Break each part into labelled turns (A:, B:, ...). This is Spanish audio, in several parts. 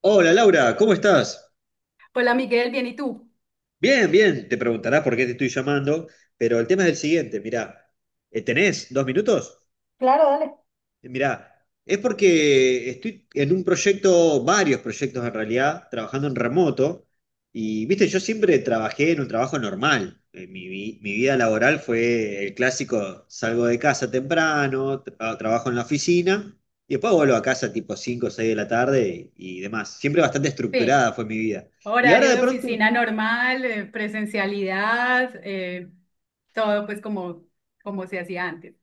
A: Hola Laura, ¿cómo estás?
B: Hola Miguel, bien, ¿y tú?
A: Bien, bien, te preguntarás por qué te estoy llamando, pero el tema es el siguiente, mirá, ¿tenés 2 minutos?
B: Claro, dale.
A: Mirá, es porque estoy en un proyecto, varios proyectos en realidad, trabajando en remoto, y viste, yo siempre trabajé en un trabajo normal. Mi vida laboral fue el clásico, salgo de casa temprano, trabajo en la oficina, y después vuelvo a casa tipo 5, o 6 de la tarde y demás, siempre bastante
B: Sí.
A: estructurada fue mi vida. Y ahora
B: Horario
A: de
B: de
A: pronto.
B: oficina normal, presencialidad, todo pues como se hacía antes.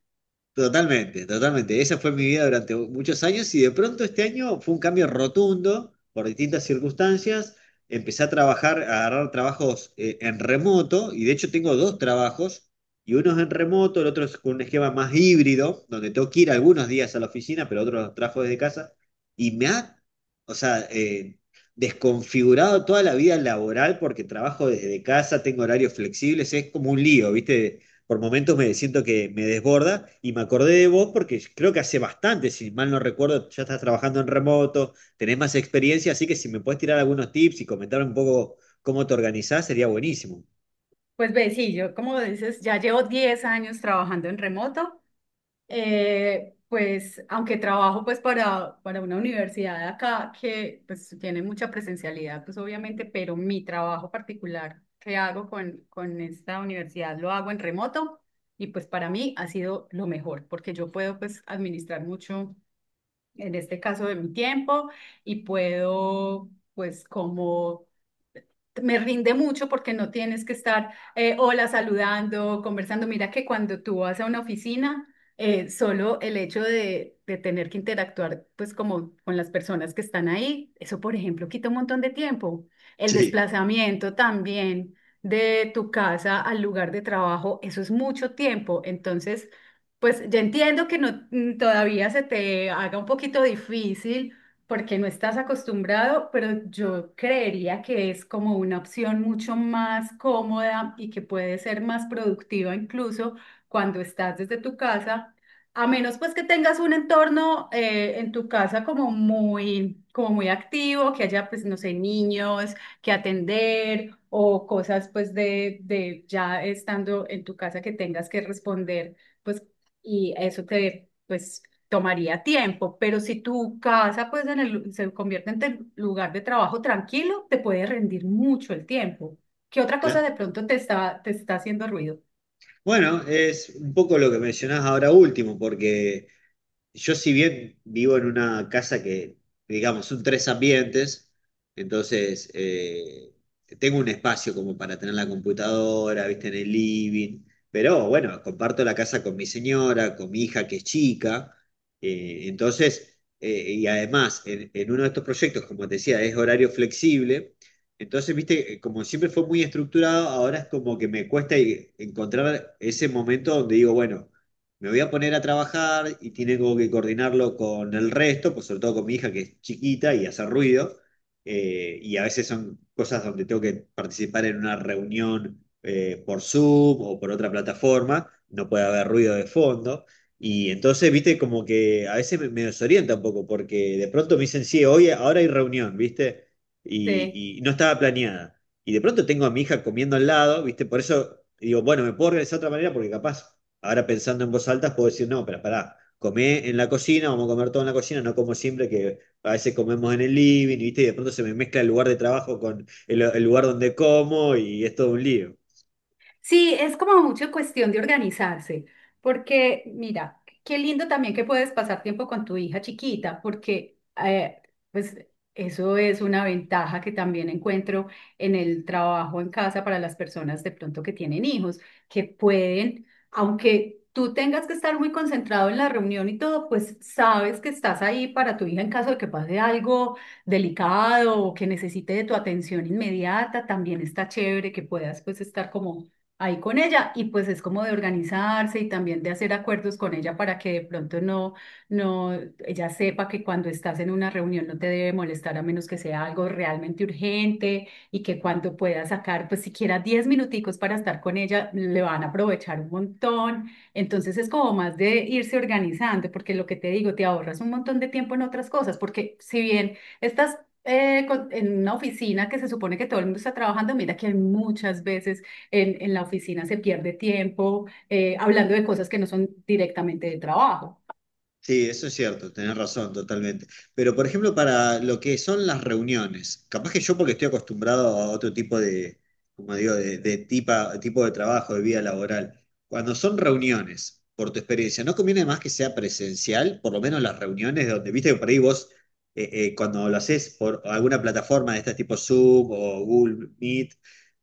A: Totalmente, totalmente. Esa fue mi vida durante muchos años y de pronto este año fue un cambio rotundo por distintas circunstancias. Empecé a trabajar, a agarrar trabajos en remoto, y de hecho tengo dos trabajos y uno es en remoto, el otro es con un esquema más híbrido, donde tengo que ir algunos días a la oficina, pero otros los trabajo desde casa y me ha, o sea, desconfigurado toda la vida laboral porque trabajo desde casa, tengo horarios flexibles, es como un lío, ¿viste? Por momentos me siento que me desborda y me acordé de vos porque creo que hace bastante, si mal no recuerdo, ya estás trabajando en remoto, tenés más experiencia, así que si me puedes tirar algunos tips y comentar un poco cómo te organizás, sería buenísimo.
B: Pues ve, sí, yo como dices, ya llevo 10 años trabajando en remoto, pues aunque trabajo pues para una universidad de acá que pues tiene mucha presencialidad, pues obviamente, pero mi trabajo particular que hago con esta universidad lo hago en remoto y pues para mí ha sido lo mejor porque yo puedo pues administrar mucho en este caso de mi tiempo y puedo pues como me rinde mucho porque no tienes que estar, hola, saludando, conversando. Mira que cuando tú vas a una oficina, solo el hecho de tener que interactuar, pues como con las personas que están ahí, eso, por ejemplo, quita un montón de tiempo. El
A: Sí,
B: desplazamiento también de tu casa al lugar de trabajo, eso es mucho tiempo. Entonces, pues ya entiendo que no todavía se te haga un poquito difícil porque no estás acostumbrado, pero yo creería que es como una opción mucho más cómoda y que puede ser más productiva incluso cuando estás desde tu casa, a menos pues que tengas un entorno, en tu casa como muy activo, que haya pues, no sé, niños que atender o cosas pues de ya estando en tu casa que tengas que responder pues, y eso te, pues, tomaría tiempo, pero si tu casa, pues, en el se convierte en tu lugar de trabajo tranquilo, te puede rendir mucho el tiempo. ¿Qué otra cosa
A: claro.
B: de pronto te está haciendo ruido?
A: Bueno, es un poco lo que mencionás ahora último, porque yo si bien vivo en una casa que, digamos, son tres ambientes, entonces tengo un espacio como para tener la computadora, viste, en el living, pero bueno, comparto la casa con mi señora, con mi hija que es chica, entonces, y además, en uno de estos proyectos, como te decía, es horario flexible, entonces, viste, como siempre fue muy estructurado, ahora es como que me cuesta encontrar ese momento donde digo, bueno, me voy a poner a trabajar y tengo que coordinarlo con el resto, pues sobre todo con mi hija que es chiquita y hace ruido, y a veces son cosas donde tengo que participar en una reunión por Zoom o por otra plataforma, no puede haber ruido de fondo, y entonces, viste, como que a veces me desorienta un poco, porque de pronto me dicen, sí, hoy, ahora hay reunión, viste,
B: Sí.
A: y no estaba planeada. Y de pronto tengo a mi hija comiendo al lado, ¿viste? Por eso digo, bueno, me puedo organizar de otra manera porque capaz. Ahora pensando en voz alta, puedo decir, no, pero pará, comé en la cocina, vamos a comer todo en la cocina, no como siempre, que a veces comemos en el living, ¿viste? Y de pronto se me mezcla el lugar de trabajo con el lugar donde como y es todo un lío.
B: Sí, es como mucho cuestión de organizarse, porque mira, qué lindo también que puedes pasar tiempo con tu hija chiquita, porque, eh, pues eso es una ventaja que también encuentro en el trabajo en casa para las personas de pronto que tienen hijos, que pueden, aunque tú tengas que estar muy concentrado en la reunión y todo, pues sabes que estás ahí para tu hija en caso de que pase algo delicado o que necesite de tu atención inmediata, también está chévere que puedas pues estar como ahí con ella, y pues es como de organizarse y también de hacer acuerdos con ella para que de pronto no, no, ella sepa que cuando estás en una reunión no te debe molestar a menos que sea algo realmente urgente, y que cuando puedas sacar pues siquiera 10 minuticos para estar con ella le van a aprovechar un montón. Entonces es como más de irse organizando porque lo que te digo, te ahorras un montón de tiempo en otras cosas porque si bien estás en una oficina que se supone que todo el mundo está trabajando, mira que hay muchas veces en la oficina se pierde tiempo, hablando de cosas que no son directamente de trabajo.
A: Sí, eso es cierto, tenés razón, totalmente. Pero, por ejemplo, para lo que son las reuniones, capaz que yo porque estoy acostumbrado a otro tipo de, como digo, de tipo de trabajo, de vida laboral. Cuando son reuniones, por tu experiencia, ¿no conviene más que sea presencial? Por lo menos las reuniones donde, viste que por ahí vos, cuando lo haces por alguna plataforma de estas tipo Zoom o Google Meet,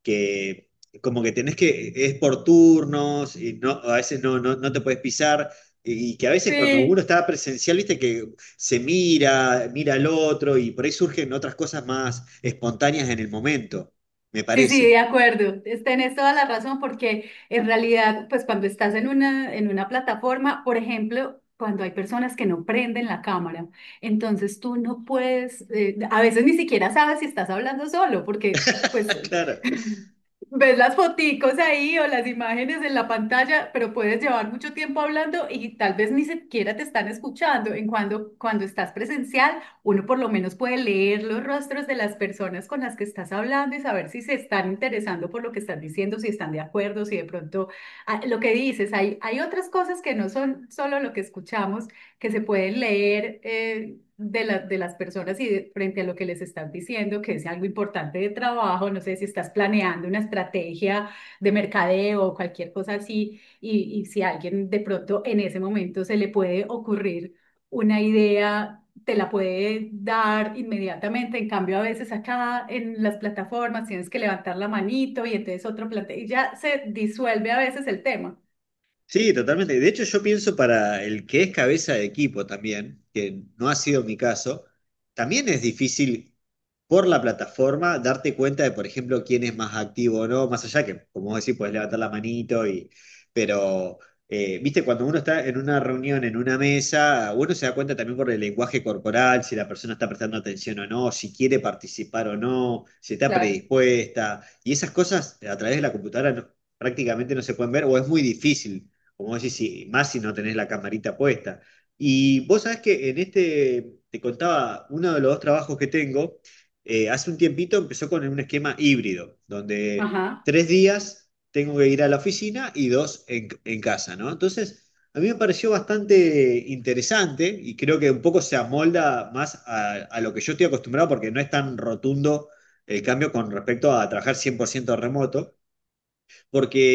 A: que como que tenés que, es por turnos y no, a veces no te puedes pisar. Y que a veces cuando uno
B: Sí.
A: está presencial, viste que se mira, mira al otro y por ahí surgen otras cosas más espontáneas en el momento, me
B: Sí, sí, de
A: parece.
B: acuerdo. Tenés toda la razón porque en realidad, pues cuando estás en una plataforma, por ejemplo, cuando hay personas que no prenden la cámara, entonces tú no puedes, a veces ni siquiera sabes si estás hablando solo porque pues
A: Claro.
B: ves las foticos ahí o las imágenes en la pantalla, pero puedes llevar mucho tiempo hablando y tal vez ni siquiera te están escuchando. En cuando, cuando estás presencial uno por lo menos puede leer los rostros de las personas con las que estás hablando y saber si se están interesando por lo que estás diciendo, si están de acuerdo, si de pronto, ah, lo que dices, hay otras cosas que no son solo lo que escuchamos, que se pueden leer, de las personas y frente a lo que les estás diciendo, que es algo importante de trabajo, no sé si estás planeando una estrategia de mercadeo o cualquier cosa así, y si a alguien de pronto en ese momento se le puede ocurrir una idea, te la puede dar inmediatamente. En cambio, a veces acá en las plataformas tienes que levantar la manito y entonces otro planteo y ya se disuelve a veces el tema.
A: Sí, totalmente. De hecho, yo pienso para el que es cabeza de equipo también, que no ha sido mi caso, también es difícil por la plataforma darte cuenta de, por ejemplo, quién es más activo o no, más allá que, como vos decís, podés levantar la manito y, pero, viste, cuando uno está en una reunión, en una mesa, uno se da cuenta también por el lenguaje corporal, si la persona está prestando atención o no, si quiere participar o no, si está
B: Claro.
A: predispuesta, y esas cosas a través de la computadora prácticamente no se pueden ver o es muy difícil, como decís, sí, más si no tenés la camarita puesta. Y vos sabés que en este, te contaba, uno de los dos trabajos que tengo, hace un tiempito empezó con un esquema híbrido, donde
B: Ajá,
A: 3 días tengo que ir a la oficina y dos en casa, ¿no? Entonces, a mí me pareció bastante interesante y creo que un poco se amolda más a lo que yo estoy acostumbrado porque no es tan rotundo el cambio con respecto a trabajar 100% remoto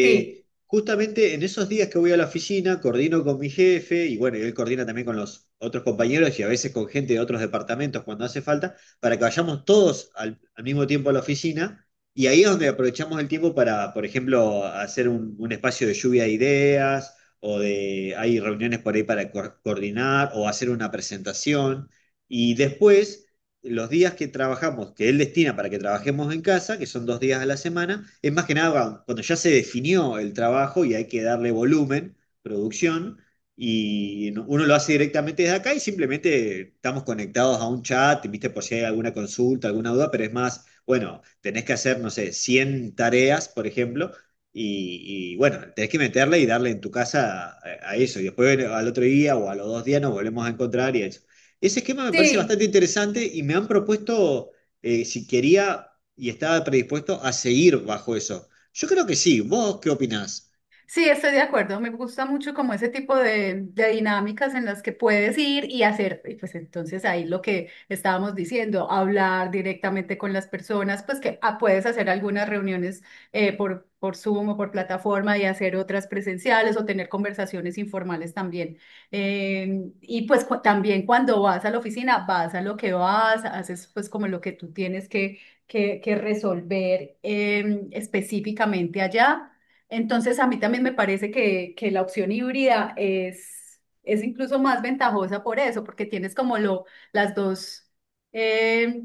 B: sí,
A: justamente en esos días que voy a la oficina, coordino con mi jefe y bueno, y él coordina también con los otros compañeros y a veces con gente de otros departamentos cuando hace falta, para que vayamos todos al mismo tiempo a la oficina. Y ahí es donde aprovechamos el tiempo para, por ejemplo, hacer un espacio de lluvia de ideas hay reuniones por ahí para coordinar o hacer una presentación. Y después los días que trabajamos, que él destina para que trabajemos en casa, que son 2 días a la semana, es más que nada cuando ya se definió el trabajo y hay que darle volumen, producción, y no, uno lo hace directamente desde acá y simplemente estamos conectados a un chat, viste, por si hay alguna consulta, alguna duda, pero es más, bueno, tenés que hacer, no sé, 100 tareas, por ejemplo, bueno, tenés que meterle y darle en tu casa a eso, y después al otro día o a los 2 días nos volvemos a encontrar y eso. Ese esquema me parece
B: sí.
A: bastante interesante y me han propuesto si quería y estaba predispuesto a seguir bajo eso. Yo creo que sí. ¿Vos qué opinás?
B: Sí, estoy de acuerdo. Me gusta mucho como ese tipo de dinámicas en las que puedes ir y hacer, y pues entonces ahí lo que estábamos diciendo, hablar directamente con las personas, pues que, ah, puedes hacer algunas reuniones por Zoom o por plataforma y hacer otras presenciales o tener conversaciones informales también. Y pues también cuando vas a la oficina, vas a lo que vas, haces pues como lo que tú tienes que resolver, específicamente allá. Entonces, a mí también me parece que la opción híbrida es incluso más ventajosa por eso, porque tienes como lo, las dos, eh,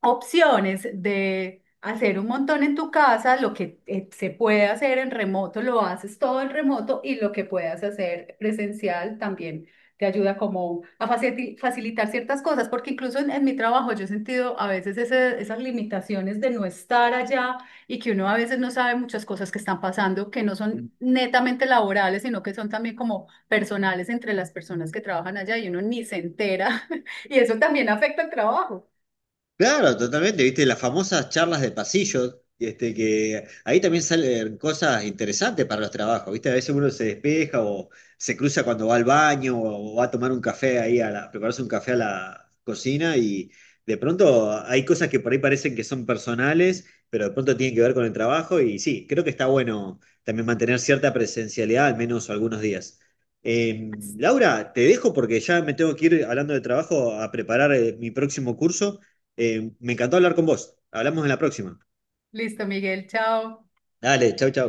B: opciones de hacer un montón en tu casa. Lo que se puede hacer en remoto, lo haces todo en remoto, y lo que puedas hacer presencial también te ayuda como a facilitar ciertas cosas, porque incluso en mi trabajo yo he sentido a veces esas limitaciones de no estar allá, y que uno a veces no sabe muchas cosas que están pasando, que no son netamente laborales, sino que son también como personales entre las personas que trabajan allá, y uno ni se entera. Y eso también afecta al trabajo.
A: Claro, totalmente, viste, las famosas charlas de pasillo, este, que ahí también salen cosas interesantes para los trabajos, viste, a veces uno se despeja o se cruza cuando va al baño o va a tomar un café ahí, a prepararse un café a la cocina y de pronto hay cosas que por ahí parecen que son personales, pero de pronto tienen que ver con el trabajo y sí, creo que está bueno también mantener cierta presencialidad, al menos algunos días. Eh, Laura, te dejo porque ya me tengo que ir hablando de trabajo a preparar mi próximo curso. Me encantó hablar con vos. Hablamos en la próxima.
B: Listo, Miguel, chao.
A: Dale, chau, chau.